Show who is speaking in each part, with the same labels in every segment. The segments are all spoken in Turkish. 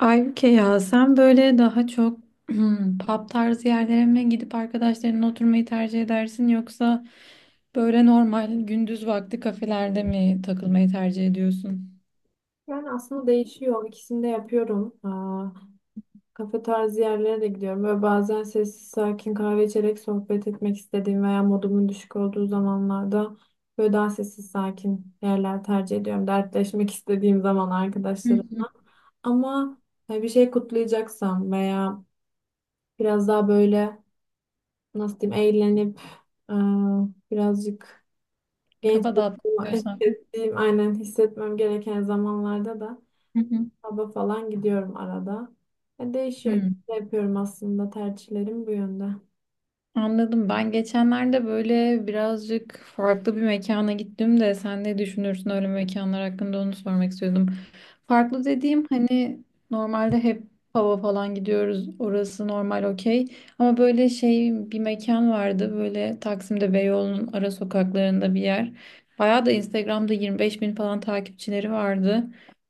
Speaker 1: Aybüke ya sen böyle daha çok pub tarzı yerlere mi gidip arkadaşlarınla oturmayı tercih edersin yoksa böyle normal gündüz vakti kafelerde mi takılmayı tercih ediyorsun?
Speaker 2: Yani aslında değişiyor. İkisini de yapıyorum. Kafe tarzı yerlere de gidiyorum. Böyle bazen sessiz sakin kahve içerek sohbet etmek istediğim veya modumun düşük olduğu zamanlarda böyle daha sessiz sakin yerler tercih ediyorum. Dertleşmek istediğim zaman
Speaker 1: Hı hı.
Speaker 2: arkadaşlarımla. Ama hani bir şey kutlayacaksam veya biraz daha böyle nasıl diyeyim eğlenip aa, birazcık genç
Speaker 1: Kafa dağıtmak
Speaker 2: olduğumu
Speaker 1: istiyorsan.
Speaker 2: hissettiğim aynen hissetmem gereken zamanlarda da
Speaker 1: Hı hı.
Speaker 2: Pub'a falan gidiyorum arada. Değişiyor.
Speaker 1: Hı.
Speaker 2: Ne yapıyorum aslında tercihlerim bu yönde.
Speaker 1: Anladım. Ben geçenlerde böyle birazcık farklı bir mekana gittim de sen ne düşünürsün öyle mekanlar hakkında onu sormak istiyordum. Farklı dediğim hani normalde hep pub'a falan gidiyoruz. Orası normal okey. Ama böyle şey bir mekan vardı böyle Taksim'de Beyoğlu'nun ara sokaklarında bir yer. Bayağı da Instagram'da 25 bin falan takipçileri vardı.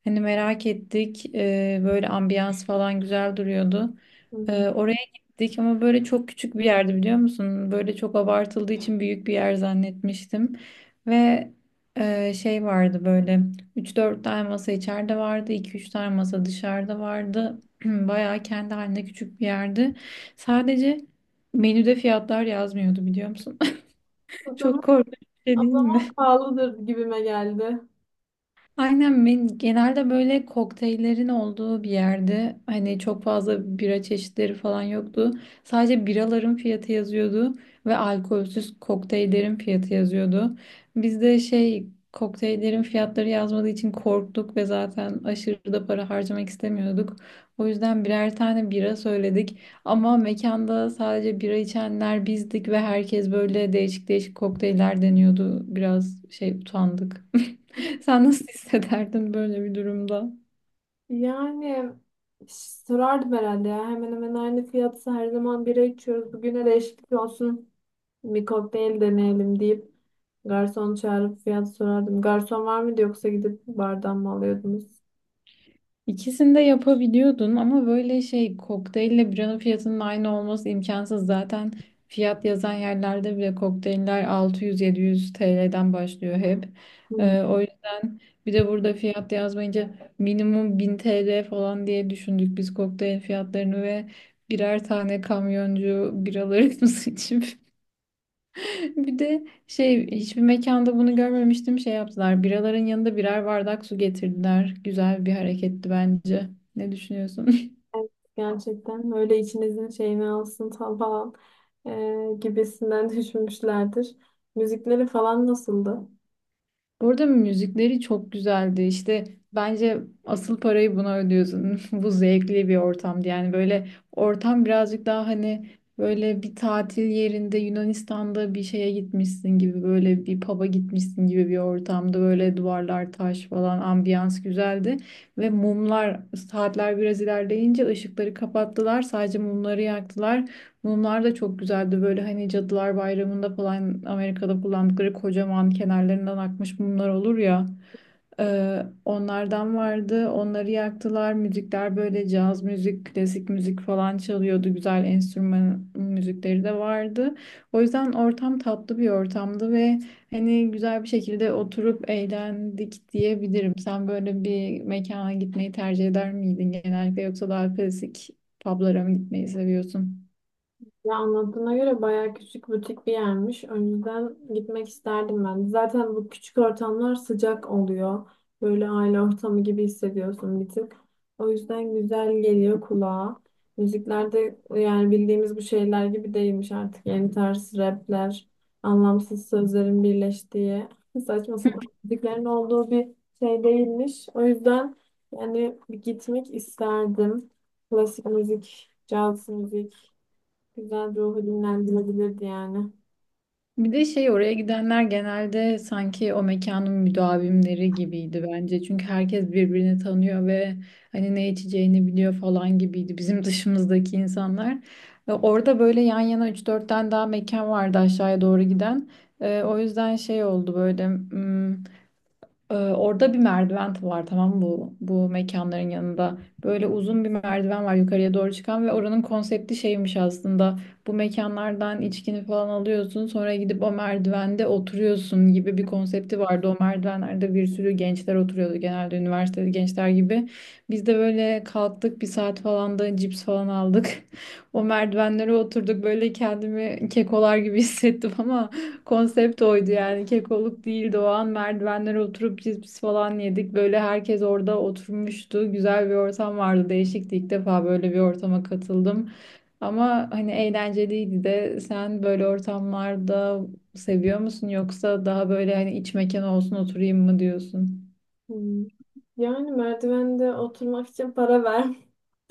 Speaker 1: Hani merak ettik. Böyle ambiyans falan güzel duruyordu.
Speaker 2: Hı hı.
Speaker 1: Oraya Dik ama böyle çok küçük bir yerdi, biliyor musun? Böyle çok abartıldığı için büyük bir yer zannetmiştim. Ve şey vardı böyle, üç dört tane masa içeride vardı, iki üç tane masa dışarıda vardı. Bayağı kendi halinde küçük bir yerdi. Sadece menüde fiyatlar yazmıyordu, biliyor musun?
Speaker 2: O zaman,
Speaker 1: Çok korkunç bir şey
Speaker 2: o
Speaker 1: değil mi?
Speaker 2: zaman pahalıdır gibime geldi.
Speaker 1: Aynen, ben genelde böyle kokteyllerin olduğu bir yerde hani çok fazla bira çeşitleri falan yoktu. Sadece biraların fiyatı yazıyordu ve alkolsüz kokteyllerin fiyatı yazıyordu. Biz de şey, kokteyllerin fiyatları yazmadığı için korktuk ve zaten aşırı da para harcamak istemiyorduk. O yüzden birer tane bira söyledik ama mekanda sadece bira içenler bizdik ve herkes böyle değişik değişik kokteyller deniyordu. Biraz şey utandık. Sen nasıl hissederdin böyle bir durumda?
Speaker 2: Yani sorardım herhalde ya. Hemen hemen aynı fiyatsa her zaman bira içiyoruz. Bugüne değişiklik olsun. Bir kokteyl deneyelim deyip garson çağırıp fiyat sorardım. Garson var mıydı yoksa gidip bardan mı alıyordunuz?
Speaker 1: İkisini de yapabiliyordun ama böyle şey, kokteylle biranın fiyatının aynı olması imkansız. Zaten fiyat yazan yerlerde bile kokteyller 600-700 TL'den başlıyor hep.
Speaker 2: Hı.
Speaker 1: O yüzden, bir de burada fiyat yazmayınca minimum 1000 TL falan diye düşündük biz kokteyl fiyatlarını ve birer tane kamyoncu biralarımız için. Bir de şey, hiçbir mekanda bunu görmemiştim, şey yaptılar. Biraların yanında birer bardak su getirdiler. Güzel bir hareketti bence. Ne düşünüyorsun?
Speaker 2: Evet, gerçekten öyle içinizin şeyini alsın falan gibisinden düşünmüşlerdir. Müzikleri falan nasıldı?
Speaker 1: Burada müzikleri çok güzeldi. İşte, bence asıl parayı buna ödüyorsun. Bu zevkli bir ortamdı. Yani böyle ortam birazcık daha hani, böyle bir tatil yerinde Yunanistan'da bir şeye gitmişsin gibi, böyle bir pub'a gitmişsin gibi bir ortamda, böyle duvarlar taş falan, ambiyans güzeldi. Ve mumlar, saatler biraz ilerleyince ışıkları kapattılar, sadece mumları yaktılar. Mumlar da çok güzeldi. Böyle hani Cadılar Bayramı'nda falan Amerika'da kullandıkları kocaman, kenarlarından akmış mumlar olur ya. Onlardan vardı. Onları yaktılar. Müzikler böyle caz müzik, klasik müzik falan çalıyordu. Güzel enstrüman müzikleri de vardı. O yüzden ortam tatlı bir ortamdı ve hani güzel bir şekilde oturup eğlendik diyebilirim. Sen böyle bir mekana gitmeyi tercih eder miydin genellikle, yoksa daha klasik publara mı gitmeyi seviyorsun?
Speaker 2: Ya anlattığına göre bayağı küçük butik bir yermiş. Önceden gitmek isterdim ben. Zaten bu küçük ortamlar sıcak oluyor. Böyle aile ortamı gibi hissediyorsun bir tık. O yüzden güzel geliyor kulağa. Müziklerde yani bildiğimiz bu şeyler gibi değilmiş artık. Yeni tarz rapler, anlamsız sözlerin birleştiği, saçma sapan müziklerin olduğu bir şey değilmiş. O yüzden yani bir gitmek isterdim. Klasik müzik, caz müzik. Güzel ruhu dinlendirilebilirdi yani.
Speaker 1: Bir de şey, oraya gidenler genelde sanki o mekanın müdavimleri gibiydi bence. Çünkü herkes birbirini tanıyor ve hani ne içeceğini biliyor falan gibiydi bizim dışımızdaki insanlar. Ve orada böyle yan yana üç 4 tane daha mekan vardı aşağıya doğru giden. O yüzden şey oldu böyle. Orada bir merdiven var, tamam mı? Bu mekanların yanında. Böyle uzun bir merdiven var yukarıya doğru çıkan ve oranın konsepti şeymiş aslında. Bu mekanlardan içkini falan alıyorsun, sonra gidip o merdivende oturuyorsun gibi bir konsepti vardı. O merdivenlerde bir sürü gençler oturuyordu, genelde üniversiteli gençler gibi. Biz de böyle kalktık, bir saat falan da cips falan aldık. O merdivenlere oturduk, böyle kendimi kekolar gibi hissettim. Konsept oydu yani, kekoluk değildi o an. Merdivenlere oturup cips falan yedik, böyle herkes orada oturmuştu, güzel bir ortam vardı, değişikti, ilk defa böyle bir ortama katıldım ama hani eğlenceliydi de. Sen böyle ortamlarda seviyor musun, yoksa daha böyle hani iç mekan olsun oturayım mı diyorsun?
Speaker 2: Hmm. Yani merdivende oturmak için para ver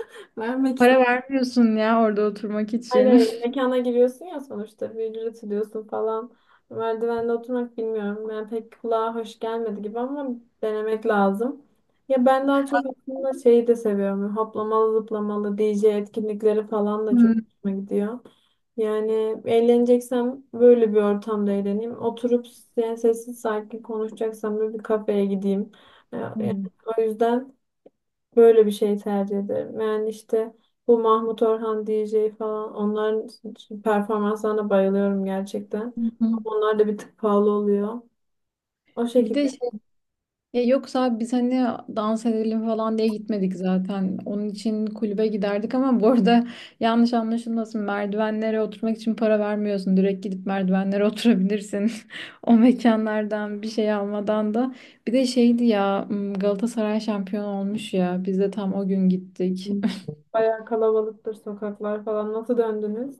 Speaker 2: vermek.
Speaker 1: Para vermiyorsun ya orada oturmak
Speaker 2: Hayır
Speaker 1: için.
Speaker 2: hayır, mekana giriyorsun ya sonuçta bir ücret ödüyorsun falan. Merdivende oturmak bilmiyorum. Yani pek kulağa hoş gelmedi gibi ama denemek lazım. Ya ben daha çok aslında şeyi de seviyorum. Hoplamalı zıplamalı DJ etkinlikleri falan da çok hoşuma gidiyor. Yani eğleneceksem böyle bir ortamda eğleneyim. Oturup yani sessiz sakin konuşacaksam böyle bir kafeye gideyim. Yani
Speaker 1: Hmm.
Speaker 2: o yüzden böyle bir şey tercih ederim. Yani işte bu Mahmut Orhan DJ falan onların performanslarına bayılıyorum gerçekten.
Speaker 1: Hı hı.
Speaker 2: Ama onlar da bir tık pahalı oluyor. O
Speaker 1: Bir
Speaker 2: şekilde
Speaker 1: de, ya yoksa abi, biz hani dans edelim falan diye gitmedik zaten. Onun için kulübe giderdik ama bu arada yanlış anlaşılmasın, merdivenlere oturmak için para vermiyorsun. Direkt gidip merdivenlere oturabilirsin. O mekanlardan bir şey almadan da. Bir de şeydi ya, Galatasaray şampiyon olmuş ya. Biz de tam o gün gittik.
Speaker 2: bayağı kalabalıktır sokaklar falan. Nasıl döndünüz?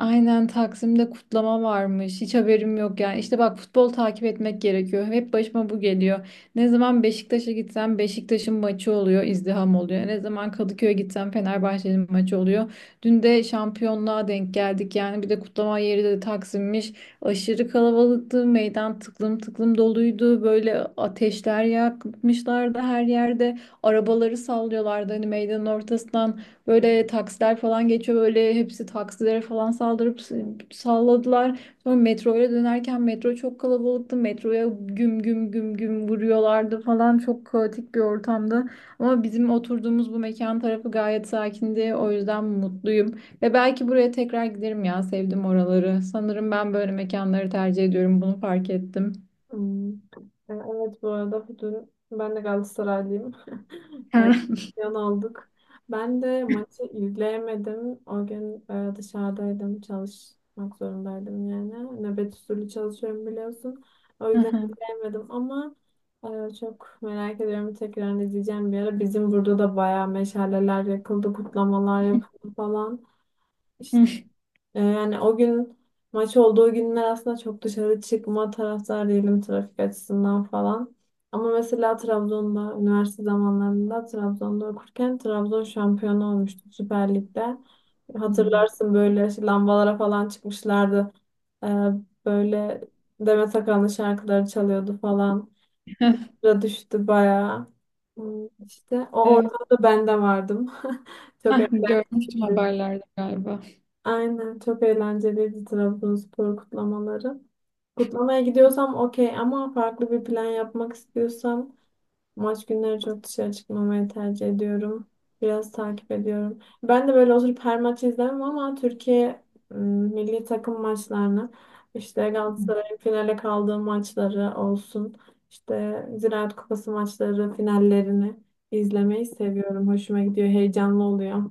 Speaker 1: Aynen, Taksim'de kutlama varmış. Hiç haberim yok yani. İşte bak, futbol takip etmek gerekiyor. Hep başıma bu geliyor. Ne zaman Beşiktaş'a gitsem Beşiktaş'ın maçı oluyor, izdiham oluyor. Ne zaman Kadıköy'e gitsem Fenerbahçe'nin maçı oluyor. Dün de şampiyonluğa denk geldik. Yani bir de kutlama yeri de Taksim'miş. Aşırı kalabalıktı. Meydan tıklım tıklım doluydu. Böyle ateşler yakmışlardı her yerde. Arabaları sallıyorlardı hani, meydanın ortasından. Böyle taksiler falan geçiyor, böyle hepsi taksilere falan saldırıp salladılar. Sonra metroya dönerken metro çok kalabalıktı. Metroya güm güm güm güm vuruyorlardı falan, çok kaotik bir ortamdı. Ama bizim oturduğumuz bu mekan tarafı gayet sakindi. O yüzden mutluyum. Ve belki buraya tekrar giderim, ya sevdim oraları. Sanırım ben böyle mekanları tercih ediyorum, bunu fark ettim.
Speaker 2: Hmm. Evet, bu arada dün ben de Galatasaraylıyım. Evet, yan aldık. Ben de maçı izleyemedim. O gün dışarıdaydım. Çalışmak zorundaydım yani. Nöbet usulü çalışıyorum biliyorsun. O yüzden izleyemedim ama çok merak ediyorum. Tekrar izleyeceğim bir ara. Bizim burada da bayağı meşaleler yakıldı, kutlamalar yapıldı falan. Yani o gün maç olduğu günler aslında çok dışarı çıkma taraftar değilim, trafik açısından falan. Ama mesela Trabzon'da üniversite zamanlarında, Trabzon'da okurken Trabzon şampiyonu olmuştu Süper Lig'de.
Speaker 1: Hmm.
Speaker 2: Hatırlarsın böyle işte lambalara falan çıkmışlardı. E, böyle Demet Akalın şarkıları çalıyordu falan. Sıra düştü bayağı. Hmm, İşte o
Speaker 1: Evet.
Speaker 2: ortamda ben de vardım. Çok
Speaker 1: Heh, görmüştüm
Speaker 2: eğlenceliydi.
Speaker 1: haberlerde galiba.
Speaker 2: Aynen çok eğlenceliydi Trabzonspor kutlamaları. Kutlamaya gidiyorsam okey ama farklı bir plan yapmak istiyorsam maç günleri çok dışarı çıkmamayı tercih ediyorum. Biraz takip ediyorum. Ben de böyle oturup her maçı izlemem ama Türkiye ım, milli takım maçlarını, işte Galatasaray'ın finale kaldığı maçları olsun, işte Ziraat Kupası maçları finallerini izlemeyi seviyorum. Hoşuma gidiyor, heyecanlı oluyor.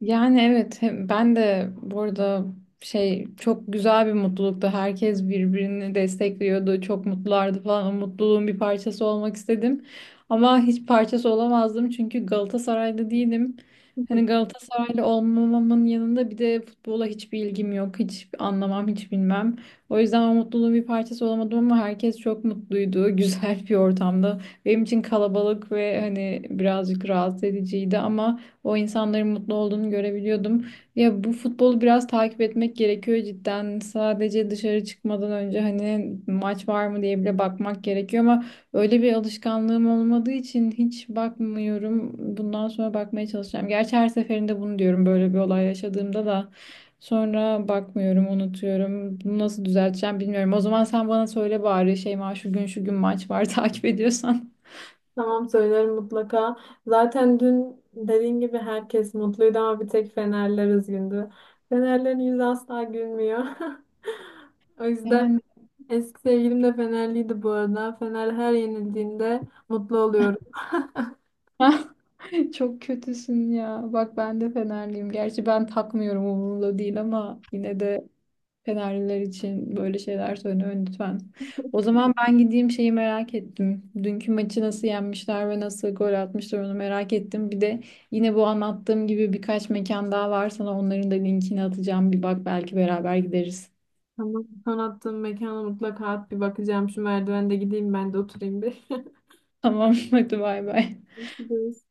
Speaker 1: Yani evet, ben de burada şey, çok güzel bir mutluluktu. Herkes birbirini destekliyordu. Çok mutlulardı falan. O mutluluğun bir parçası olmak istedim. Ama hiç parçası olamazdım çünkü Galatasaraylı değilim. Hani Galatasaraylı olmamamın yanında bir de futbola hiçbir ilgim yok. Hiç anlamam, hiç bilmem. O yüzden o mutluluğun bir parçası olamadım ama herkes çok mutluydu. Güzel bir ortamda. Benim için kalabalık ve hani birazcık rahatsız ediciydi ama o insanların mutlu olduğunu görebiliyordum. Ya bu futbolu biraz takip etmek gerekiyor cidden. Sadece dışarı çıkmadan önce hani maç var mı diye bile bakmak gerekiyor ama öyle bir alışkanlığım olmadığı için hiç bakmıyorum. Bundan sonra bakmaya çalışacağım. Gerçi her seferinde bunu diyorum böyle bir olay yaşadığımda da. Sonra bakmıyorum, unutuyorum. Bunu nasıl düzelteceğim bilmiyorum. O zaman sen bana söyle bari Şeyma, şu gün şu gün maç var takip ediyorsan.
Speaker 2: Tamam, söylerim mutlaka. Zaten dün dediğin gibi herkes mutluydu ama bir tek Fenerler üzgündü. Fenerlerin yüzü asla gülmüyor. O yüzden
Speaker 1: Yani.
Speaker 2: eski sevgilim de Fenerliydi bu arada. Fener her yenildiğinde mutlu oluyorum.
Speaker 1: Çok kötüsün ya. Bak, ben de Fenerliyim. Gerçi ben takmıyorum, umurumda değil ama yine de Fenerliler için böyle şeyler söyle lütfen. O zaman ben gideyim, şeyi merak ettim. Dünkü maçı nasıl yenmişler ve nasıl gol atmışlar, onu merak ettim. Bir de yine bu anlattığım gibi birkaç mekan daha var, sana onların da linkini atacağım. Bir bak, belki beraber gideriz.
Speaker 2: Ama son attığım mekana mutlaka at, bir bakacağım. Şu merdivende gideyim ben de oturayım bir.
Speaker 1: Tamam, hadi bay bay.
Speaker 2: Görüşürüz.